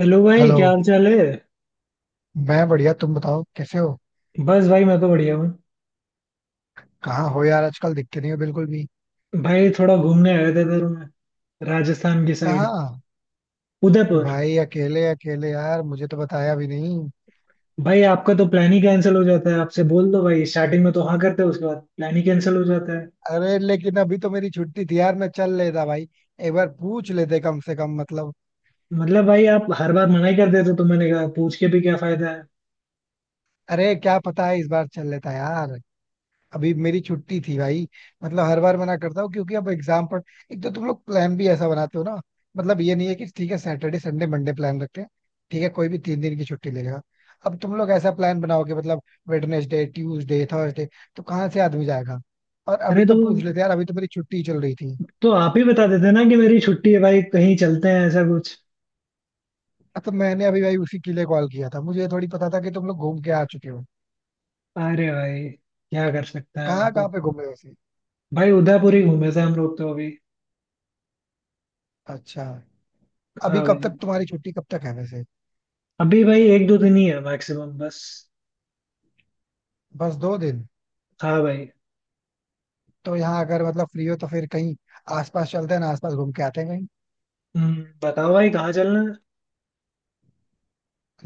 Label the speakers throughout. Speaker 1: Hello भाई,
Speaker 2: hello.
Speaker 1: क्या हाल चाल है।
Speaker 2: मैं बढ़िया, तुम बताओ कैसे हो।
Speaker 1: बस भाई, मैं तो बढ़िया हूँ।
Speaker 2: कहाँ हो यार, आजकल दिखते नहीं हो बिल्कुल भी।
Speaker 1: भाई थोड़ा घूमने आया था इधर मैं, राजस्थान की साइड।
Speaker 2: कहाँ।
Speaker 1: उदयपुर।
Speaker 2: भाई अकेले अकेले यार, मुझे तो बताया भी नहीं।
Speaker 1: भाई आपका तो प्लान ही कैंसिल हो जाता है, आपसे बोल दो भाई, स्टार्टिंग में तो हाँ करते हो, उसके बाद प्लान ही कैंसिल हो जाता है।
Speaker 2: अरे लेकिन अभी तो मेरी छुट्टी थी यार, मैं चल लेता भाई। एक बार पूछ लेते कम से कम मतलब।
Speaker 1: मतलब भाई आप हर बार मना ही कर देते हो, तो मैंने कहा पूछ के भी क्या फायदा है।
Speaker 2: अरे क्या पता है इस बार चल लेता यार। अभी मेरी छुट्टी थी भाई। मतलब हर बार मना करता हूँ क्योंकि अब एग्जाम पर। एक तो तुम लोग प्लान भी ऐसा बनाते हो ना। मतलब ये नहीं है कि ठीक है, सैटरडे संडे मंडे प्लान रखते हैं। ठीक है, कोई भी 3 दिन की छुट्टी ले लेगा। अब तुम लोग ऐसा प्लान बनाओगे मतलब वेडनेसडे ट्यूसडे थर्सडे, तो कहाँ से आदमी जाएगा। और
Speaker 1: अरे
Speaker 2: अभी
Speaker 1: तो
Speaker 2: तो पूछ लेते यार, अभी तो मेरी छुट्टी चल रही थी।
Speaker 1: तो आप ही बता देते ना कि मेरी छुट्टी है भाई, कहीं चलते हैं, ऐसा कुछ।
Speaker 2: तो मैंने अभी भाई उसी के लिए कॉल किया था, मुझे थोड़ी पता था कि तुम लोग घूम के आ चुके हो।
Speaker 1: अरे भाई, क्या कर सकते हैं
Speaker 2: कहाँ
Speaker 1: आप
Speaker 2: कहाँ
Speaker 1: अब।
Speaker 2: पे घूमे वैसे।
Speaker 1: भाई उदयपुर ही घूमे थे हम लोग तो अभी।
Speaker 2: अच्छा। अभी
Speaker 1: हाँ
Speaker 2: कब
Speaker 1: भाई।
Speaker 2: तक तुम्हारी छुट्टी कब तक है वैसे।
Speaker 1: अभी भाई एक दो दिन ही है मैक्सिमम बस।
Speaker 2: बस 2 दिन।
Speaker 1: हाँ भाई।
Speaker 2: तो यहाँ अगर मतलब फ्री हो तो फिर कहीं आसपास चलते हैं ना, आसपास घूम के आते हैं कहीं।
Speaker 1: बताओ भाई कहाँ चलना है।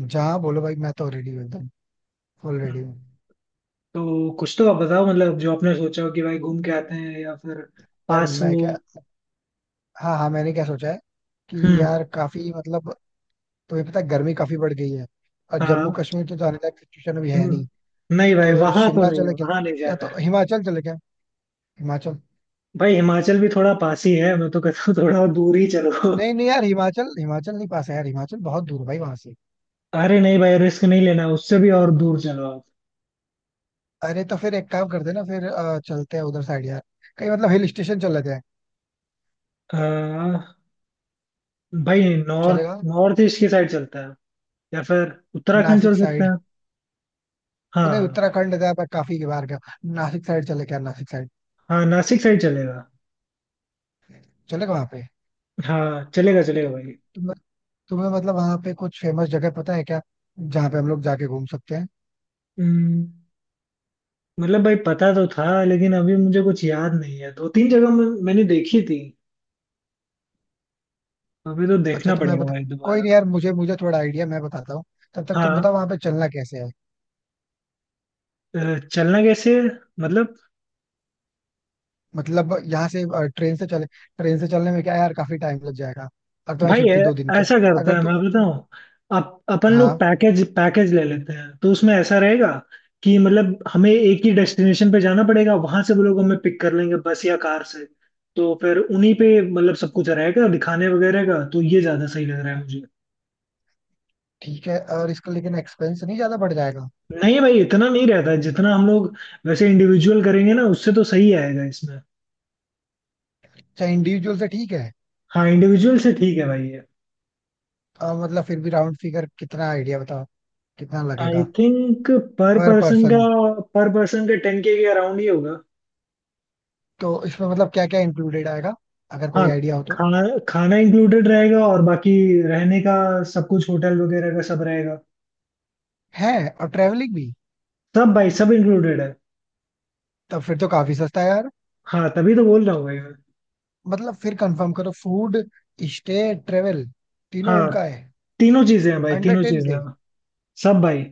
Speaker 2: जहाँ बोलो भाई, मैं तो रेडी हूँ एकदम। फुल रेडी
Speaker 1: हम्म,
Speaker 2: हूँ।
Speaker 1: तो कुछ तो आप बताओ, मतलब जो आपने सोचा हो कि भाई घूम के आते हैं या फिर
Speaker 2: यार
Speaker 1: पास
Speaker 2: मैं
Speaker 1: हो।
Speaker 2: क्या, हाँ हाँ मैंने क्या सोचा है कि
Speaker 1: हम्म।
Speaker 2: यार काफी मतलब। तुम्हें पता है गर्मी काफी बढ़ गई है। और जम्मू
Speaker 1: हाँ।
Speaker 2: कश्मीर तो जाने लायक सिचुएशन भी है नहीं।
Speaker 1: नहीं भाई
Speaker 2: तो
Speaker 1: वहां तो
Speaker 2: शिमला
Speaker 1: नहीं,
Speaker 2: चले क्या,
Speaker 1: वहां नहीं
Speaker 2: या
Speaker 1: जाना
Speaker 2: तो
Speaker 1: है।
Speaker 2: हिमाचल चले क्या। हिमाचल।
Speaker 1: भाई हिमाचल भी थोड़ा पास ही है, मैं तो कहता हूँ थोड़ा दूर ही चलो।
Speaker 2: नहीं नहीं यार, हिमाचल हिमाचल नहीं पास है यार, हिमाचल बहुत दूर है भाई वहां से।
Speaker 1: अरे नहीं भाई, रिस्क नहीं लेना, उससे भी और दूर चलो आप।
Speaker 2: अरे तो फिर एक काम करते हैं ना, फिर चलते हैं उधर साइड यार। कहीं मतलब हिल स्टेशन चल लेते हैं।
Speaker 1: अ, भाई नॉर्थ
Speaker 2: चलेगा।
Speaker 1: नॉर्थ ईस्ट की साइड चलता है। या फिर उत्तराखंड
Speaker 2: नासिक
Speaker 1: चल सकते
Speaker 2: साइड।
Speaker 1: हैं।
Speaker 2: तो
Speaker 1: हाँ
Speaker 2: नहीं,
Speaker 1: हाँ।
Speaker 2: उत्तराखंड गया मैं काफी बार गया। नासिक साइड चले क्या, नासिक साइड
Speaker 1: हाँ, नासिक साइड चलेगा।
Speaker 2: चले गए वहां पे।
Speaker 1: हाँ, चलेगा चलेगा
Speaker 2: तो
Speaker 1: भाई।
Speaker 2: तुम्हें तुम्हें मतलब वहां पे कुछ फेमस जगह पता है क्या, जहाँ पे हम लोग जाके घूम सकते हैं।
Speaker 1: हम्म, मतलब भाई पता तो था, लेकिन अभी मुझे कुछ याद नहीं है। दो तीन जगह मैंने देखी थी। अभी तो
Speaker 2: अच्छा
Speaker 1: देखना
Speaker 2: तो मैं
Speaker 1: पड़ेगा
Speaker 2: बता,
Speaker 1: भाई
Speaker 2: कोई
Speaker 1: दोबारा।
Speaker 2: नहीं यार मुझे मुझे थोड़ा आइडिया मैं बताता हूँ। तब तक तुम
Speaker 1: हाँ।
Speaker 2: बताओ वहां पे चलना कैसे है।
Speaker 1: चलना कैसे है? मतलब।
Speaker 2: मतलब यहाँ से ट्रेन से चले। ट्रेन से चलने में क्या है यार, काफी टाइम लग जाएगा। और तुम्हारी
Speaker 1: भाई
Speaker 2: छुट्टी 2 दिन की है।
Speaker 1: ऐसा करते
Speaker 2: अगर
Speaker 1: हैं, मैं
Speaker 2: तुम छु-
Speaker 1: बताऊँ। अपन लोग
Speaker 2: हाँ।
Speaker 1: पैकेज पैकेज ले लेते हैं तो उसमें ऐसा रहेगा कि मतलब हमें एक ही डेस्टिनेशन पे जाना पड़ेगा, वहां से वो लोग हमें पिक कर लेंगे बस या कार से। तो फिर उन्हीं पे मतलब सब कुछ रहेगा, दिखाने वगैरह का, तो ये ज्यादा सही लग रहा है।
Speaker 2: ठीक है, और इसका लेकिन एक्सपेंस नहीं ज्यादा बढ़ जाएगा।
Speaker 1: नहीं भाई, इतना नहीं रहता है जितना हम लोग वैसे इंडिविजुअल करेंगे ना, उससे तो सही आएगा इसमें।
Speaker 2: अच्छा इंडिविजुअल से ठीक है।
Speaker 1: हाँ, इंडिविजुअल से ठीक है भाई ये।
Speaker 2: मतलब फिर भी राउंड फिगर कितना आइडिया बताओ, कितना
Speaker 1: आई
Speaker 2: लगेगा
Speaker 1: थिंक पर
Speaker 2: पर
Speaker 1: पर्सन का
Speaker 2: पर्सन।
Speaker 1: पर पर्सन का 10K अराउंड ही होगा।
Speaker 2: तो इसमें मतलब क्या क्या इंक्लूडेड आएगा, अगर
Speaker 1: हाँ।
Speaker 2: कोई आइडिया हो तो।
Speaker 1: खाना, खाना इंक्लूडेड रहेगा, और बाकी रहने का सब कुछ, होटल वगैरह का सब रहेगा।
Speaker 2: है, और ट्रेवलिंग भी।
Speaker 1: सब भाई, सब इंक्लूडेड है।
Speaker 2: तब फिर तो काफी सस्ता है यार।
Speaker 1: हाँ, तभी तो बोल रहा हूँ भाई मैं।
Speaker 2: मतलब फिर कंफर्म करो, फूड स्टे ट्रेवल तीनों
Speaker 1: हाँ,
Speaker 2: उनका है
Speaker 1: तीनों चीजें हैं भाई,
Speaker 2: अंडर
Speaker 1: तीनों
Speaker 2: टेन
Speaker 1: चीजें
Speaker 2: के
Speaker 1: हैं। सब भाई।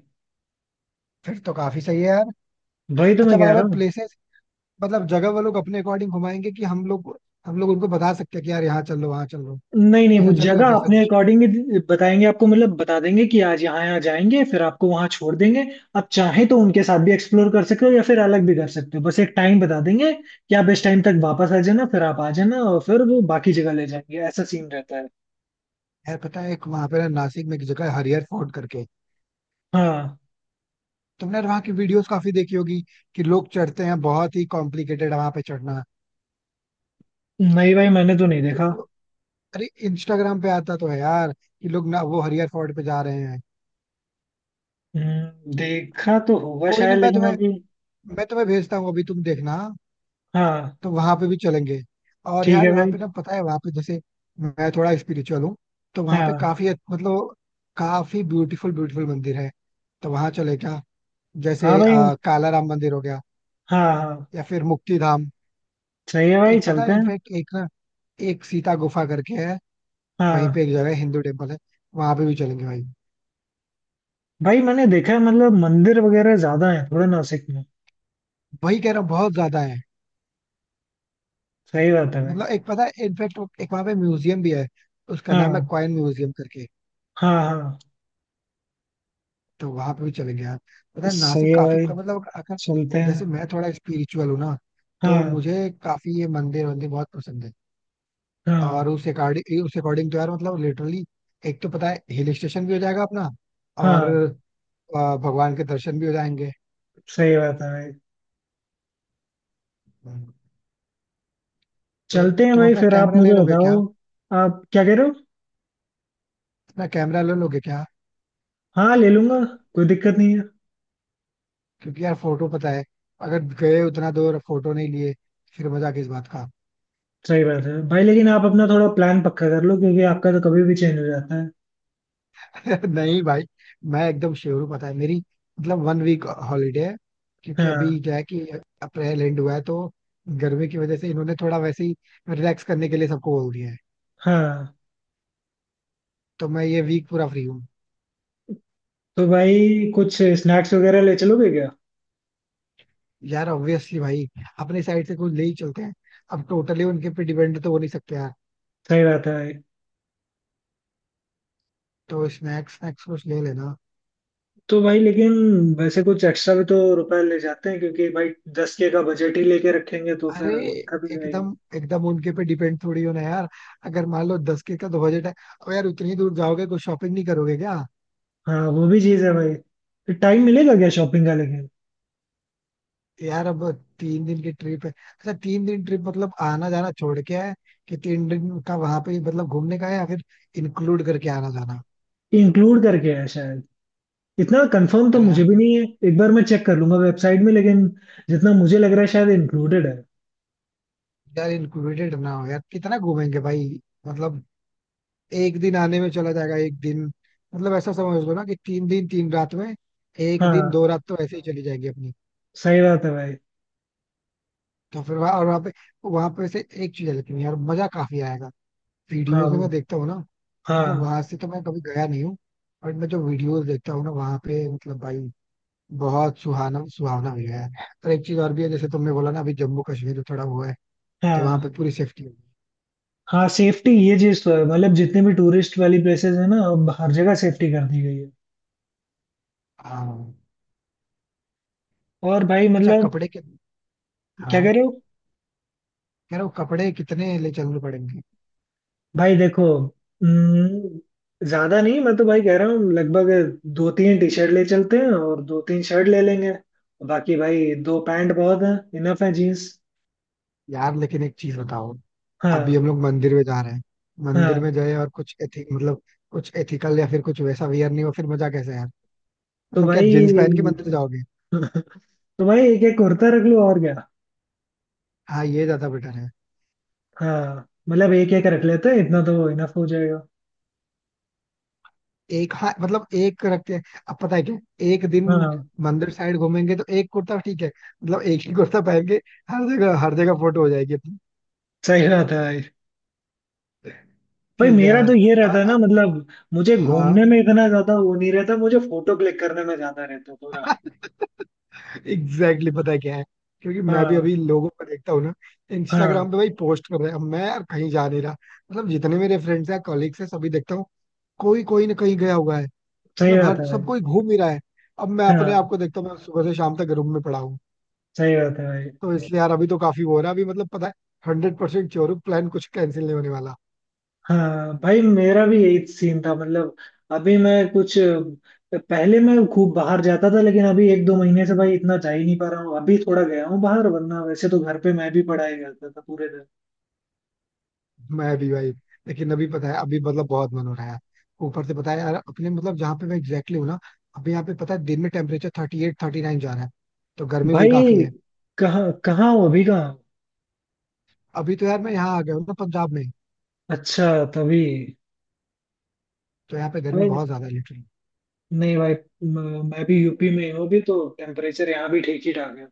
Speaker 2: फिर तो काफी सही है यार।
Speaker 1: वही तो
Speaker 2: अच्छा
Speaker 1: मैं कह
Speaker 2: वहां पे
Speaker 1: रहा हूँ।
Speaker 2: प्लेसेस मतलब जगह वो लोग अपने अकॉर्डिंग घुमाएंगे, कि हम लोग उनको बता सकते हैं कि यार यहाँ चल लो वहाँ चल लो,
Speaker 1: नहीं नहीं, वो
Speaker 2: ऐसा चलेगा
Speaker 1: जगह
Speaker 2: क्या
Speaker 1: अपने
Speaker 2: सजेशन।
Speaker 1: अकॉर्डिंग बताएंगे आपको, मतलब बता देंगे कि आज यहाँ यहाँ जाएंगे, फिर आपको वहाँ छोड़ देंगे। आप चाहें तो उनके साथ भी एक्सप्लोर कर सकते हो या फिर अलग भी कर सकते हो, बस एक टाइम बता देंगे कि आप इस टाइम तक वापस आ जाना, फिर आप आ जाना और फिर वो बाकी जगह ले जाएंगे। ऐसा सीन रहता है।
Speaker 2: यार पता है एक वहां पे ना, नासिक में एक जगह है हरियर फोर्ट करके।
Speaker 1: हाँ।
Speaker 2: तुमने यार वहाँ की वीडियोस काफी देखी होगी कि लोग चढ़ते हैं, बहुत ही कॉम्प्लिकेटेड वहां पे चढ़ना।
Speaker 1: नहीं भाई, मैंने तो नहीं देखा।
Speaker 2: वीडियो- अरे इंस्टाग्राम पे आता तो है यार, कि लोग ना वो हरियर फोर्ट पे जा रहे हैं।
Speaker 1: देखा तो होगा
Speaker 2: कोई
Speaker 1: शायद,
Speaker 2: नहीं, मैं
Speaker 1: लेकिन
Speaker 2: तुम्हें
Speaker 1: अभी।
Speaker 2: मैं तुम्हें भेजता हूँ अभी, तुम देखना।
Speaker 1: हाँ।
Speaker 2: तो वहां पे भी चलेंगे। और
Speaker 1: ठीक
Speaker 2: यार
Speaker 1: है
Speaker 2: वहाँ
Speaker 1: भाई।
Speaker 2: पे ना पता है वहाँ पे जैसे मैं थोड़ा स्पिरिचुअल हूँ। तो वहाँ पे
Speaker 1: हाँ
Speaker 2: काफी मतलब काफी ब्यूटीफुल ब्यूटीफुल मंदिर है। तो वहां चले क्या,
Speaker 1: हाँ
Speaker 2: जैसे
Speaker 1: भाई।
Speaker 2: काला राम मंदिर हो गया,
Speaker 1: हाँ हाँ।
Speaker 2: या फिर मुक्ति धाम।
Speaker 1: सही है भाई,
Speaker 2: एक पता
Speaker 1: चलते
Speaker 2: है
Speaker 1: हैं।
Speaker 2: इनफेक्ट एक ना, एक सीता गुफा करके है। वहीं पे
Speaker 1: हाँ
Speaker 2: एक जगह है, हिंदू टेम्पल है, वहां पे भी चलेंगे भाई।
Speaker 1: भाई, मैंने देखा है, मतलब मंदिर वगैरह ज्यादा है थोड़ा नासिक में।
Speaker 2: वही कह रहा हूँ बहुत ज्यादा है।
Speaker 1: सही बात है भाई।
Speaker 2: मतलब एक पता है इनफेक्ट एक वहां पे म्यूजियम भी है, उसका
Speaker 1: हाँ
Speaker 2: नाम है कॉइन म्यूजियम करके।
Speaker 1: हाँ। हाँ।
Speaker 2: तो वहां पे भी चलेंगे यार। पता है नासिक
Speaker 1: सही है
Speaker 2: काफी
Speaker 1: भाई,
Speaker 2: मतलब अगर
Speaker 1: चलते हैं।
Speaker 2: जैसे मैं थोड़ा स्पिरिचुअल हूँ ना, तो
Speaker 1: हाँ।
Speaker 2: मुझे काफी ये मंदिर वंदिर बहुत पसंद है।
Speaker 1: हाँ
Speaker 2: और उस अकॉर्डिंग तो यार मतलब लिटरली एक तो पता है हिल स्टेशन भी हो जाएगा अपना। और
Speaker 1: हाँ।
Speaker 2: भगवान के दर्शन भी हो जाएंगे।
Speaker 1: सही बात है भाई।
Speaker 2: हम्म। तो
Speaker 1: चलते हैं
Speaker 2: तुम
Speaker 1: भाई,
Speaker 2: अपना
Speaker 1: फिर आप
Speaker 2: कैमरा ले
Speaker 1: मुझे
Speaker 2: लोगे
Speaker 1: बताओ।
Speaker 2: क्या,
Speaker 1: आप क्या कह रहे हो।
Speaker 2: अपना कैमरा ले लोगे क्या।
Speaker 1: हाँ, ले लूंगा। कोई दिक्कत नहीं है।
Speaker 2: क्योंकि यार फोटो पता है, अगर गए उतना दूर फोटो नहीं लिए फिर मजा किस बात का।
Speaker 1: सही बात है भाई, लेकिन आप अपना थोड़ा प्लान पक्का कर लो, क्योंकि आपका तो कभी भी चेंज हो जाता है।
Speaker 2: नहीं भाई, मैं एकदम श्योर हूँ, पता है मेरी मतलब 1 वीक हॉलीडे है। क्योंकि
Speaker 1: हाँ।
Speaker 2: अभी क्या है कि अप्रैल एंड हुआ है, तो गर्मी की वजह से इन्होंने थोड़ा वैसे ही रिलैक्स करने के लिए सबको बोल दिया है।
Speaker 1: हाँ।
Speaker 2: तो मैं ये वीक पूरा फ्री हूँ।
Speaker 1: तो भाई, कुछ स्नैक्स वगैरह ले चलोगे क्या।
Speaker 2: यार ऑब्वियसली भाई अपने साइड से कुछ ले ही चलते हैं। अब टोटली उनके पे डिपेंड तो हो नहीं सकते यार।
Speaker 1: सही बात है भाई।
Speaker 2: तो स्नैक्स स्नैक्स कुछ ले लेना।
Speaker 1: तो भाई, लेकिन वैसे कुछ एक्स्ट्रा भी तो रुपए ले जाते हैं, क्योंकि भाई 10K का बजट ही लेके रखेंगे तो
Speaker 2: अरे
Speaker 1: फिर दिक्कत हो जाएगी।
Speaker 2: एकदम एकदम उनके पे डिपेंड थोड़ी होना है यार। अगर मान लो 10 के का तो बजट है, अब यार उतनी दूर जाओगे, कुछ शॉपिंग नहीं करोगे क्या।
Speaker 1: हाँ, वो भी चीज है भाई। तो टाइम मिलेगा क्या शॉपिंग का, लेकिन।
Speaker 2: यार अब 3 दिन की ट्रिप है, अच्छा 3 दिन ट्रिप मतलब आना जाना छोड़ के है कि 3 दिन का वहां पे ही मतलब घूमने का है, या फिर इंक्लूड करके आना जाना।
Speaker 1: इंक्लूड करके है शायद। इतना कंफर्म तो
Speaker 2: अरे यार
Speaker 1: मुझे भी
Speaker 2: फिर,
Speaker 1: नहीं है। एक बार मैं चेक कर लूंगा वेबसाइट में, लेकिन जितना मुझे लग रहा है शायद इंक्लूडेड है।
Speaker 2: यार इंक्लूडेड ना हो, यार कितना घूमेंगे भाई। मतलब एक दिन आने में चला जाएगा एक दिन। मतलब ऐसा समझ लो ना कि 3 दिन 3 रात में एक दिन
Speaker 1: हाँ,
Speaker 2: दो रात तो ऐसे ही चली जाएंगी अपनी।
Speaker 1: सही बात है भाई।
Speaker 2: तो फिर वहां, और वहां पे से एक चीज है लेकिन यार मजा काफी आएगा। वीडियोज
Speaker 1: हाँ
Speaker 2: में मैं देखता हूँ ना,
Speaker 1: हाँ।
Speaker 2: मतलब वहां से तो मैं कभी गया नहीं हूँ। और मैं जो वीडियोज देखता हूँ ना वहां पे मतलब भाई बहुत सुहाना सुहावना भी है। और एक चीज और भी है, जैसे तुमने बोला ना अभी जम्मू कश्मीर में थोड़ा हुआ है, तो वहां पे
Speaker 1: हाँ।
Speaker 2: पूरी सेफ्टी होगी।
Speaker 1: हाँ, सेफ्टी ये चीज तो है, मतलब जितने भी टूरिस्ट वाली प्लेसेस है ना, अब हर जगह सेफ्टी कर दी गई है।
Speaker 2: हाँ।
Speaker 1: और भाई
Speaker 2: अच्छा
Speaker 1: मतलब।
Speaker 2: कपड़े के।
Speaker 1: क्या कह
Speaker 2: हाँ।
Speaker 1: रहे हो।
Speaker 2: कह रहा हूँ कपड़े कितने ले चलने पड़ेंगे।
Speaker 1: भाई देखो। ज्यादा नहीं, मैं तो भाई कह रहा हूँ लगभग दो तीन टी शर्ट ले चलते हैं, और दो तीन शर्ट ले लेंगे। बाकी भाई दो पैंट बहुत है, इनफ है जीन्स।
Speaker 2: यार लेकिन एक चीज बताओ, अभी
Speaker 1: हाँ।
Speaker 2: हम लोग मंदिर में जा रहे हैं। मंदिर में
Speaker 1: हाँ।
Speaker 2: जाए और कुछ एथिक मतलब कुछ एथिकल या फिर कुछ वैसा वियर नहीं हो, फिर मजा कैसे यार।
Speaker 1: तो
Speaker 2: मतलब क्या
Speaker 1: भाई
Speaker 2: जींस पहन के मंदिर जाओगे।
Speaker 1: तो भाई, एक एक कुर्ता रख लो और क्या।
Speaker 2: हाँ ये ज्यादा बेटर है।
Speaker 1: हाँ, मतलब एक एक रख लेते हैं, इतना तो इनफ हो जाएगा।
Speaker 2: एक हाँ मतलब एक रखते हैं। अब पता है क्या, एक दिन
Speaker 1: हाँ,
Speaker 2: मंदिर साइड घूमेंगे, तो एक कुर्ता ठीक है। मतलब एक ही कुर्ता पहन के हर जगह फोटो हो जाएगी अपनी।
Speaker 1: सही बात है भाई। भाई
Speaker 2: ठीक है
Speaker 1: मेरा तो
Speaker 2: यार।
Speaker 1: ये रहता
Speaker 2: और
Speaker 1: है ना, मतलब मुझे घूमने
Speaker 2: हाँ
Speaker 1: में इतना ज्यादा वो नहीं रहता, मुझे फोटो क्लिक करने में ज्यादा रहता है थोड़ा।
Speaker 2: एग्जैक्टली exactly, पता है क्या है। क्योंकि मैं भी
Speaker 1: हाँ।
Speaker 2: अभी लोगों को देखता हूँ ना,
Speaker 1: हाँ।
Speaker 2: इंस्टाग्राम पे भाई पोस्ट कर रहे हैं, अब मैं यार कहीं जा नहीं रहा। मतलब जितने मेरे फ्रेंड्स हैं कॉलीग्स हैं, सभी देखता हूँ, कोई कोई ना कहीं गया हुआ है।
Speaker 1: सही
Speaker 2: मतलब
Speaker 1: बात
Speaker 2: हर
Speaker 1: है
Speaker 2: सब
Speaker 1: भाई।
Speaker 2: कोई घूम ही रहा है। अब मैं अपने आप
Speaker 1: हाँ।
Speaker 2: को देखता हूँ, मैं सुबह से शाम तक रूम में पड़ा हूँ।
Speaker 1: सही बात है भाई।
Speaker 2: तो इसलिए यार अभी तो काफी वो हो रहा है, अभी मतलब पता है 100% श्योर हूँ, प्लान कुछ कैंसिल नहीं होने वाला।
Speaker 1: हाँ भाई, मेरा भी यही सीन था मतलब। अभी मैं कुछ पहले मैं खूब बाहर जाता था, लेकिन अभी एक दो महीने से भाई इतना जा ही नहीं पा रहा हूँ। अभी थोड़ा गया हूँ बाहर, वरना वैसे तो घर पे मैं भी पढ़ाई करता था पूरे दिन।
Speaker 2: मैं भी भाई, लेकिन अभी पता है अभी मतलब बहुत मन हो रहा है यार। ऊपर से पता है यार अपने मतलब जहाँ पे मैं एग्जैक्टली हूँ ना, अभी यहाँ पे पता है दिन में टेम्परेचर 38 39 जा रहा है, तो गर्मी भी काफी
Speaker 1: भाई
Speaker 2: है।
Speaker 1: कहाँ कहाँ हो अभी, कहाँ हो?
Speaker 2: अभी तो यार मैं यहाँ आ गया हूँ ना पंजाब में,
Speaker 1: अच्छा, तभी।
Speaker 2: तो यहाँ पे गर्मी
Speaker 1: भाई
Speaker 2: बहुत ज्यादा है।
Speaker 1: नहीं भाई, मैं भी यूपी में ही हूँ, अभी तो टेम्परेचर यहाँ भी ठीक ही ठाक है।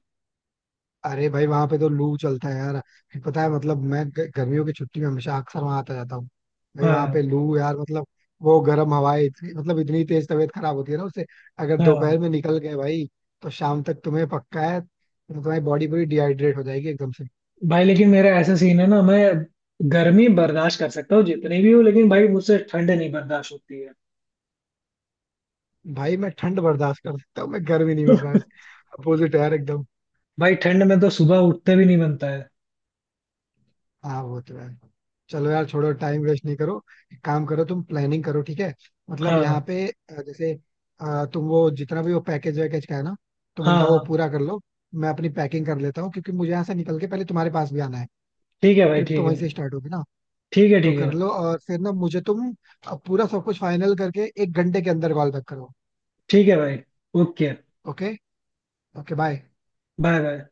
Speaker 2: अरे भाई वहां पे तो लू चलता है यार, फिर पता है मतलब मैं गर्मियों की छुट्टी में हमेशा अक्सर वहां आता जाता हूँ। भाई वहां
Speaker 1: हाँ।
Speaker 2: पे लू यार मतलब वो गर्म हवाएं इतनी मतलब इतनी तेज, तबीयत खराब होती है ना उससे। अगर
Speaker 1: हाँ
Speaker 2: दोपहर में निकल गए भाई तो शाम तक तुम्हें पक्का है, तो तुम्हारी बॉडी पूरी डिहाइड्रेट हो जाएगी एकदम से।
Speaker 1: भाई, लेकिन मेरा ऐसा सीन है ना, मैं गर्मी बर्दाश्त कर सकता हूँ जितनी भी हो, लेकिन भाई मुझसे ठंड नहीं बर्दाश्त होती है।
Speaker 2: भाई मैं ठंड बर्दाश्त कर सकता हूँ, मैं गर्मी नहीं बर्दाश्त। अपोजिट है यार एकदम।
Speaker 1: भाई ठंड में तो सुबह उठते भी नहीं बनता है।
Speaker 2: हाँ वो तो है। चलो यार छोड़ो, टाइम वेस्ट नहीं करो। एक काम करो, तुम प्लानिंग करो, ठीक है। मतलब यहाँ
Speaker 1: हाँ।
Speaker 2: पे जैसे तुम वो जितना भी वो पैकेज वैकेज का है ना, तुम
Speaker 1: हाँ।
Speaker 2: उनका वो
Speaker 1: हाँ,
Speaker 2: पूरा कर लो। मैं अपनी पैकिंग कर लेता हूँ, क्योंकि मुझे यहाँ से निकल के पहले तुम्हारे पास भी आना है।
Speaker 1: ठीक है भाई,
Speaker 2: ट्रिप तो
Speaker 1: ठीक
Speaker 2: वहीं
Speaker 1: है।
Speaker 2: से स्टार्ट होगी ना।
Speaker 1: ठीक है,
Speaker 2: तो
Speaker 1: ठीक
Speaker 2: कर
Speaker 1: है।
Speaker 2: लो, और फिर ना मुझे तुम पूरा सब कुछ फाइनल करके 1 घंटे के अंदर कॉल बैक करो।
Speaker 1: ठीक है भाई। Okay.
Speaker 2: Okay. Okay bye.
Speaker 1: Bye bye.